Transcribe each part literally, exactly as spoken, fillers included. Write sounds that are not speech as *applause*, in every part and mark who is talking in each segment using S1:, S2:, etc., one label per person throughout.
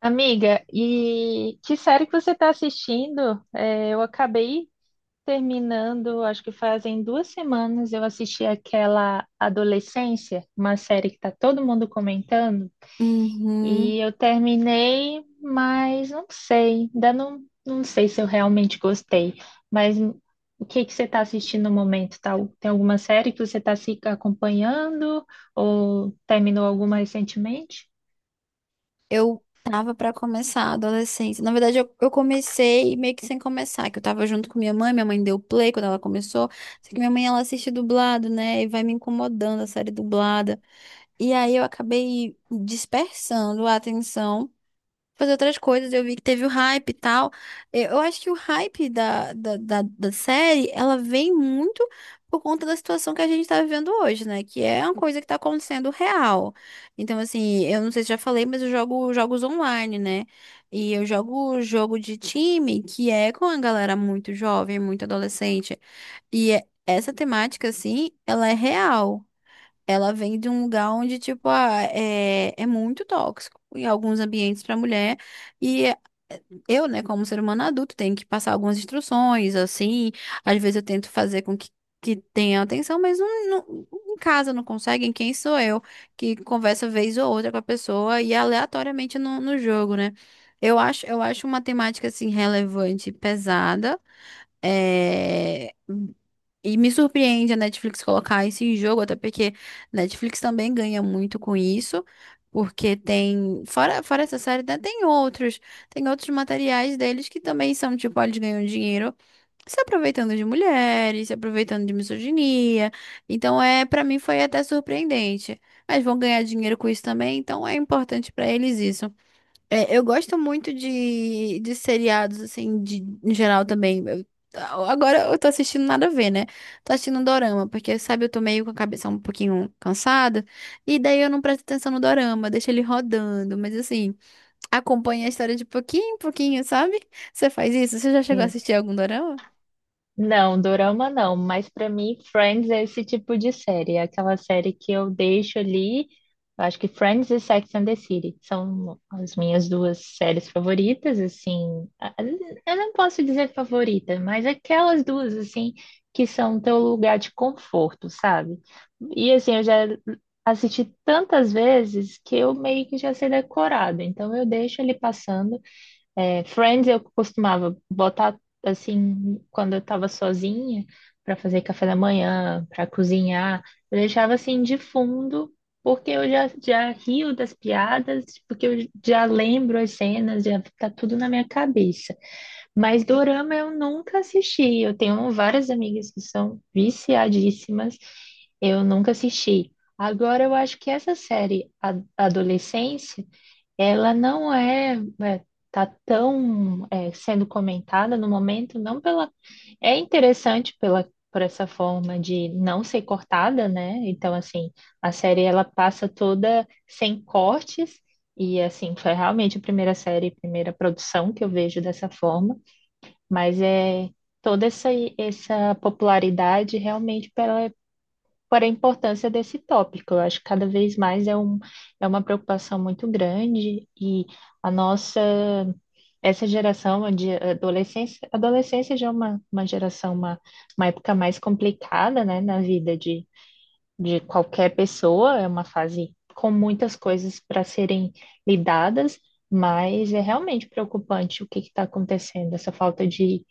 S1: Amiga, e que série que você está assistindo? É, eu acabei terminando, acho que fazem duas semanas, eu assisti aquela Adolescência, uma série que está todo mundo comentando, e
S2: Uhum.
S1: eu terminei, mas não sei, ainda não, não sei se eu realmente gostei. Mas o que que você está assistindo no momento? Tá, tem alguma série que você está se acompanhando ou terminou alguma recentemente?
S2: Eu tava pra começar a adolescência. Na verdade, eu, eu comecei meio que sem começar, que eu tava junto com minha mãe. Minha mãe deu play quando ela começou. Só que minha mãe, ela assiste dublado, né? E vai me incomodando a série dublada. E aí eu acabei dispersando a atenção. Fazer outras coisas. Eu vi que teve o hype e tal. Eu eu acho que o hype da, da, da, da série, ela vem muito por conta da situação que a gente tá vivendo hoje, né? Que é uma coisa que tá acontecendo real. Então, assim, eu não sei se já falei, mas eu jogo jogos online, né? E eu jogo jogo de time, que é com a galera muito jovem, muito adolescente. E é- essa temática, assim, ela é real. Ela vem de um lugar onde, tipo, ah, é, é muito tóxico em alguns ambientes para mulher. E eu, né, como ser humano adulto, tenho que passar algumas instruções, assim. Às vezes eu tento fazer com que, que tenha atenção, mas não, não- em casa não conseguem. Quem sou eu que conversa vez ou outra com a pessoa e aleatoriamente no, no jogo, né? Eu acho, eu acho uma temática, assim, relevante e pesada. É, E me surpreende a Netflix colocar isso em jogo, até porque Netflix também ganha muito com isso, porque tem, fora, fora essa série, né, tem outros, tem outros materiais deles que também são, tipo, ó, eles ganham dinheiro se aproveitando de mulheres, se aproveitando de misoginia. Então, é, para mim foi até surpreendente. Mas vão ganhar dinheiro com isso também, então é importante para eles isso. É, eu gosto muito de, de seriados, assim, de, em geral também. Eu- agora eu tô assistindo nada a ver, né? Tô assistindo um dorama, porque, sabe, eu tô meio com a cabeça um pouquinho cansada, e daí eu não presto atenção no dorama, deixo ele rodando, mas assim, acompanha a história de pouquinho em pouquinho, sabe? Você faz isso? Você já chegou a
S1: É.
S2: assistir algum dorama?
S1: Não, dorama não, mas pra mim Friends é esse tipo de série, é aquela série que eu deixo ali. Eu acho que Friends e Sex and the City são as minhas duas séries favoritas, assim. a- Eu não posso dizer favorita, mas aquelas duas assim que são teu lugar de conforto, sabe? E assim, eu já assisti tantas vezes que eu meio que já sei decorado, então eu deixo ele passando. É, Friends eu costumava botar assim quando eu estava sozinha para fazer café da manhã, para cozinhar, eu deixava assim de fundo porque eu já, já rio das piadas, porque eu já lembro as cenas, já tá tudo na minha cabeça. Mas dorama eu nunca assisti. Eu tenho várias amigas que são viciadíssimas, eu nunca assisti. Agora eu acho que essa série, a Adolescência ela não é, é, tá tão é, sendo comentada no momento, não pela. É interessante pela, por essa forma de não ser cortada, né? Então, assim, a série ela passa toda sem cortes, e assim, foi realmente a primeira série, primeira produção que eu vejo dessa forma, mas é toda essa, essa popularidade realmente pela por a importância desse tópico. Eu acho que cada vez mais é, um, é uma preocupação muito grande e a nossa, essa geração de adolescência, adolescência já é uma, uma geração, uma, uma época mais complicada, né, na vida de, de qualquer pessoa, é uma fase com muitas coisas para serem lidadas, mas é realmente preocupante o que está acontecendo, essa falta de,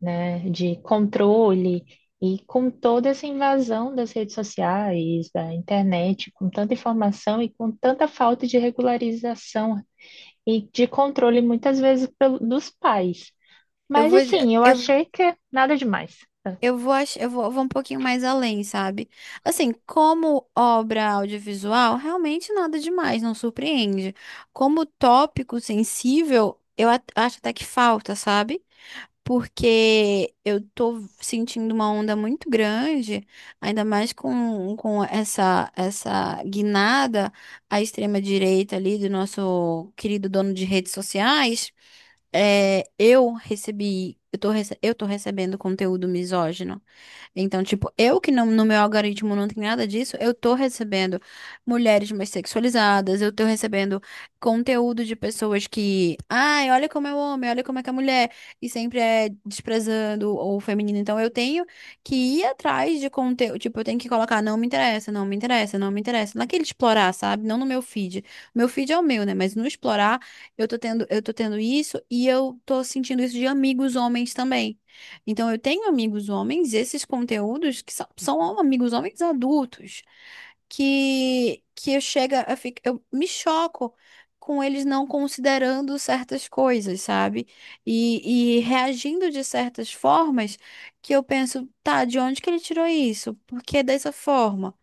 S1: né, de controle e com toda essa invasão das redes sociais, da internet, com tanta informação e com tanta falta de regularização e de controle, muitas vezes pelo- dos pais.
S2: Eu
S1: Mas
S2: vou,
S1: assim, eu
S2: eu,
S1: achei que é nada demais.
S2: Eu vou, ach- eu vou, eu vou um pouquinho mais além, sabe? Assim, como obra audiovisual, realmente nada demais, não surpreende. Como tópico sensível, eu at- acho até que falta, sabe? Porque eu tô sentindo uma onda muito grande, ainda mais com, com essa, essa guinada à extrema direita ali do nosso querido dono de redes sociais. É, eu recebi, eu tô, rece- eu tô recebendo conteúdo misógino. Então, tipo, eu que não, no meu algoritmo não tem nada disso, eu tô recebendo mulheres mais sexualizadas, eu tô recebendo conteúdo de pessoas que, ai, olha como é o homem, olha como é que é a mulher, e sempre é desprezando o feminino. Então, eu tenho que ir atrás de conteúdo, tipo, eu tenho que colocar, não me interessa, não me interessa, não me interessa, naquele explorar, sabe? Não no meu feed. Meu feed é o meu, né? Mas no explorar, eu tô tendo, eu tô tendo isso e eu tô sentindo isso de amigos homens também. Então, eu tenho amigos homens, esses conteúdos que são, são amigos homens adultos, que, que eu chega a ficar, eu me choco com eles não considerando certas coisas, sabe? E, e reagindo de certas formas que eu penso, tá, de onde que ele tirou isso? Por que dessa forma?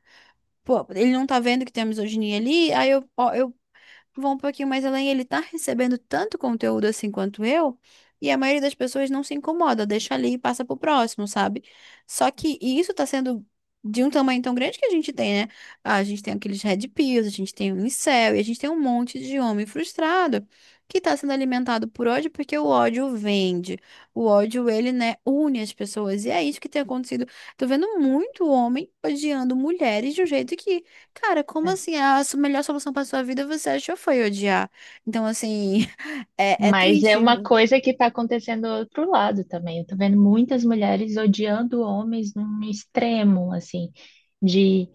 S2: Pô, ele não tá vendo que tem a misoginia ali, aí eu, vão um pouquinho mais além, ele tá recebendo tanto conteúdo assim quanto eu, e a maioria das pessoas não se incomoda, deixa ali e passa pro próximo, sabe? Só que e isso tá sendo de um tamanho tão grande que a gente tem, né? A gente tem aqueles red pills, a gente tem o incel, e a gente tem um monte de homem frustrado que tá sendo alimentado por ódio porque o ódio vende. O ódio, ele, né, une as pessoas. E é isso que tem acontecido. Tô vendo muito homem odiando mulheres de um jeito que cara, como
S1: Né?
S2: assim? A su- melhor solução pra sua vida você achou foi odiar. Então, assim, *laughs* é, é
S1: Mas é
S2: triste.
S1: uma coisa que está acontecendo do outro lado também. Eu estou vendo muitas mulheres odiando homens num extremo, assim, de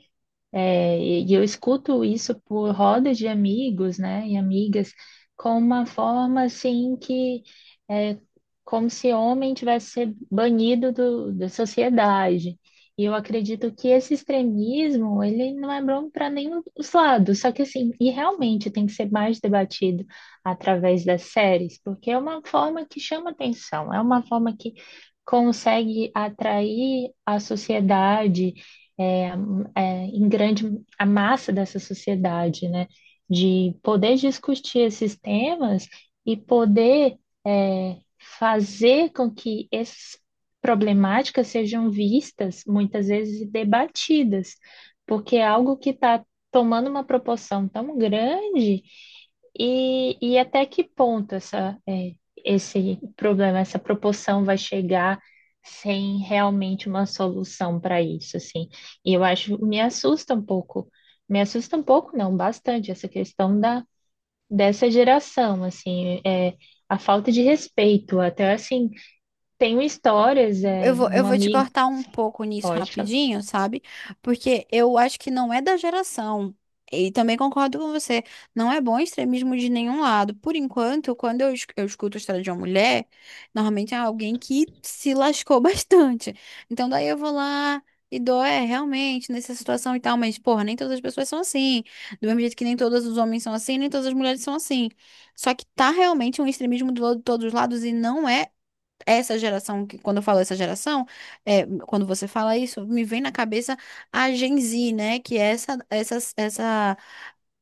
S1: É, e e eu escuto isso por rodas de amigos, né, e amigas, com uma forma assim que é como se homem tivesse ser banido do, da sociedade. E eu acredito que esse extremismo, ele não é bom para nenhum dos lados. Só que assim, e realmente tem que ser mais debatido através das séries, porque é uma forma que chama atenção, é uma forma que consegue atrair a sociedade é, é, em grande a massa dessa sociedade, né? De poder discutir esses temas e poder é, fazer com que essas problemáticas sejam vistas, muitas vezes, e debatidas, porque é algo que está tomando uma proporção tão grande e, e até que ponto essa, é, esse problema, essa proporção vai chegar sem realmente uma solução para isso, assim. E eu acho, me assusta um pouco, me assusta um pouco, não, bastante, essa questão da, dessa geração, assim, é, a falta de respeito, até assim, tenho histórias,
S2: Eu
S1: é,
S2: vou, eu
S1: um
S2: vou te
S1: amigo,
S2: cortar um pouco nisso
S1: pode falar.
S2: rapidinho, sabe? Porque eu acho que não é da geração. E também concordo com você. Não é bom extremismo de nenhum lado. Por enquanto, quando eu, es- eu escuto a história de uma mulher, normalmente é alguém que se lascou *laughs* bastante. Então, daí eu vou lá e dou, é, realmente, nessa situação e tal. Mas, porra, nem todas as pessoas são assim. Do mesmo jeito que nem todos os homens são assim, nem todas as mulheres são assim. Só que tá realmente um extremismo do, lado de todos os lados e não é. Essa geração, que- quando eu falo essa geração, é, quando você fala isso, me vem na cabeça a Gen Z, né? Que é essa, essa, essa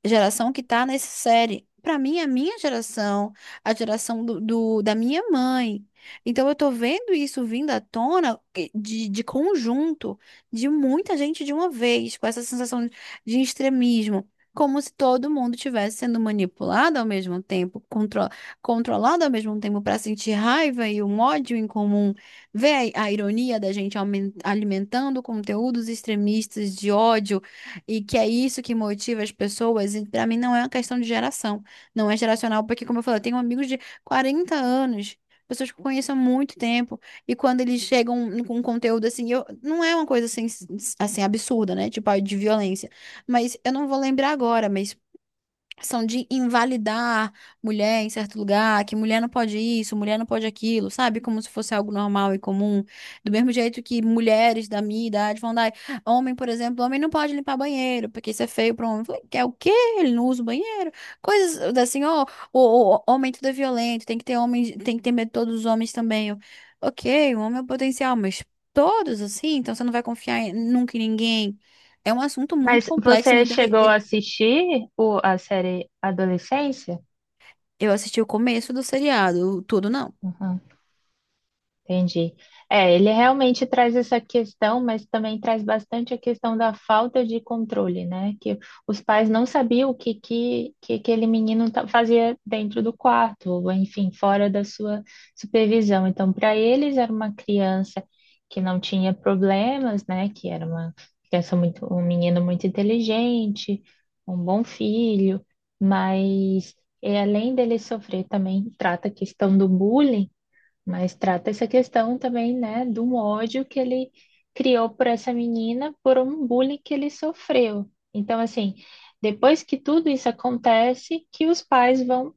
S2: geração que tá nessa série. Pra mim, é a minha geração, a geração do, do- da minha mãe. Então, eu tô vendo isso vindo à tona eh, de, de conjunto, de muita gente de uma vez, com essa sensação de de extremismo. Como se todo mundo estivesse sendo manipulado ao mesmo tempo, contro controlado ao mesmo tempo para sentir raiva e um ódio em comum. Vê a, a ironia da gente aumen- alimentando conteúdos extremistas de ódio e que é isso que motiva as pessoas. E para mim não é uma questão de geração. Não é geracional, porque, como eu falei, eu tenho amigos de quarenta anos. Pessoas que eu conheço há muito tempo, e quando eles chegam com um conteúdo assim, eu, não é uma coisa assim, assim absurda, né? Tipo, ah, de violência. Mas eu não vou lembrar agora, mas são de invalidar mulher em certo lugar, que mulher não pode isso, mulher não pode aquilo, sabe? Como se fosse algo normal e comum. Do mesmo jeito que mulheres da minha idade vão dar, homem, por exemplo, homem não pode limpar banheiro, porque isso é feio para homem. Eu falei, quer o quê? Ele não usa o banheiro. Coisas assim, ó, o, o- homem tudo é violento, tem que ter homem, tem que ter medo de todos os homens também. Eu, ok, o homem é o potencial, mas todos assim, então você não vai confiar em- nunca em ninguém. É um assunto muito
S1: Mas
S2: complexo e
S1: você
S2: muito
S1: chegou
S2: dele-.
S1: a assistir o, a série Adolescência?
S2: Eu assisti o começo do seriado, tudo não.
S1: Uhum. Entendi. É, ele realmente traz essa questão, mas também traz bastante a questão da falta de controle, né? Que os pais não sabiam o que, que, que aquele menino ta- fazia dentro do quarto, ou enfim, fora da sua supervisão. Então, para eles, era uma criança que não tinha problemas, né? Que era uma criança muito, um menino muito inteligente, um bom filho, mas e além dele sofrer, também trata a questão do bullying, mas trata essa questão também, né, do ódio que ele criou por essa menina por um bullying que ele sofreu. Então, assim, depois que tudo isso acontece, que os pais vão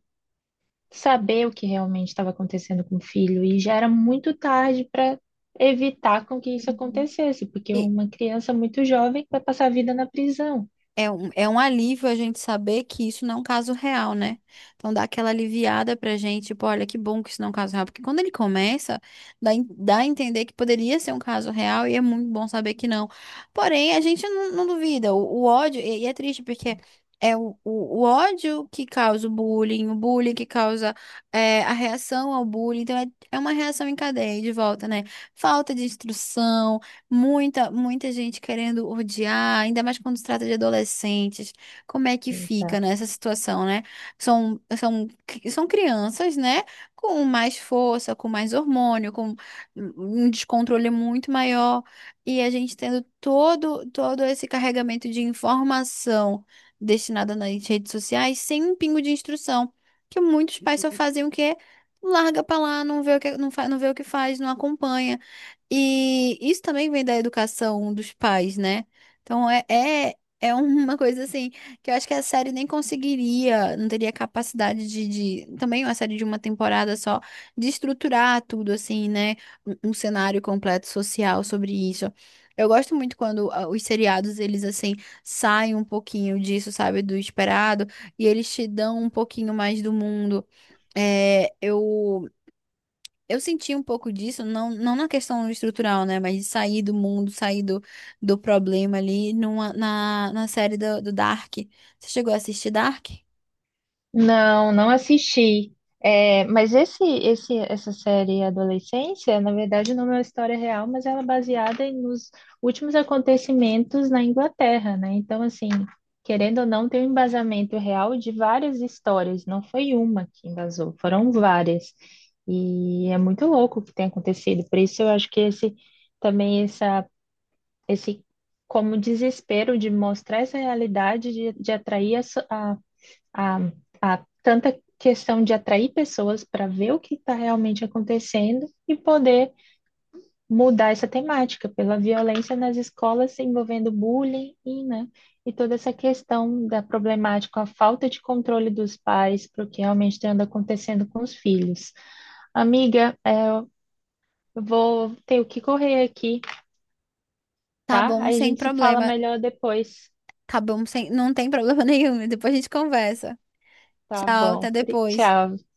S1: saber o que realmente estava acontecendo com o filho e já era muito tarde para evitar com que isso
S2: Uhum.
S1: acontecesse, porque
S2: E
S1: uma criança muito jovem vai passar a vida na prisão.
S2: é um, é um alívio a gente saber que isso não é um caso real, né? Então dá aquela aliviada pra gente, tipo, olha que bom que isso não é um caso real. Porque quando ele começa, dá, en- dá a entender que poderia ser um caso real e é muito bom saber que não. Porém, a gente não, não duvida. O, o ódio, e, e é triste porque. É o, o, o ódio que causa o bullying, o bullying que causa é, a reação ao bullying. Então, é, é uma reação em cadeia de volta, né? Falta de instrução. Muita, muita gente querendo odiar, ainda mais quando se trata de adolescentes. Como é que fica
S1: Exato.
S2: nessa situação, né? São, são, são crianças, né? Com mais força, com mais hormônio, com um descontrole muito maior. E a gente tendo todo, todo esse carregamento de informação destinada nas redes sociais sem um pingo de instrução. Que muitos pais só fazem o quê? Larga pra lá, não vê o que, não fa, não vê o que faz, não acompanha. E isso também vem da educação dos pais, né? Então é, é, é uma coisa assim que eu acho que a série nem conseguiria, não teria capacidade de, de- também uma série de uma temporada só, de estruturar tudo assim, né? Um, um cenário completo social sobre isso. Eu gosto muito quando ah, os seriados, eles assim, saem um pouquinho disso, sabe, do esperado, e eles te dão um pouquinho mais do mundo. É, eu eu senti um pouco disso, não, não na questão estrutural, né? Mas de sair do mundo, sair do, do problema ali numa, na, na série do, do Dark. Você chegou a assistir Dark?
S1: Não, não assisti. É, mas esse, esse, essa série Adolescência, na verdade, não é uma história real, mas ela é baseada em- nos últimos acontecimentos na Inglaterra, né? Então, assim, querendo ou não, tem um embasamento real de várias histórias. Não foi uma que embasou, foram várias. E é muito louco o que tem acontecido. Por isso, eu acho que esse também essa, esse como desespero de mostrar essa realidade, de, de atrair a, a, a tanta questão de atrair pessoas para ver o que está realmente acontecendo e poder mudar essa temática pela violência nas escolas envolvendo bullying e, né, e toda essa questão da problemática, a falta de controle dos pais para o que realmente anda acontecendo com os filhos. Amiga, é, eu vou ter que correr aqui,
S2: Tá
S1: tá?
S2: bom,
S1: Aí a
S2: sem
S1: gente se fala
S2: problema.
S1: melhor depois.
S2: Tá bom, sem, não tem problema *laughs* nenhum. Depois a gente conversa.
S1: Tá
S2: Tchau,
S1: bom.
S2: até depois.
S1: Tchau.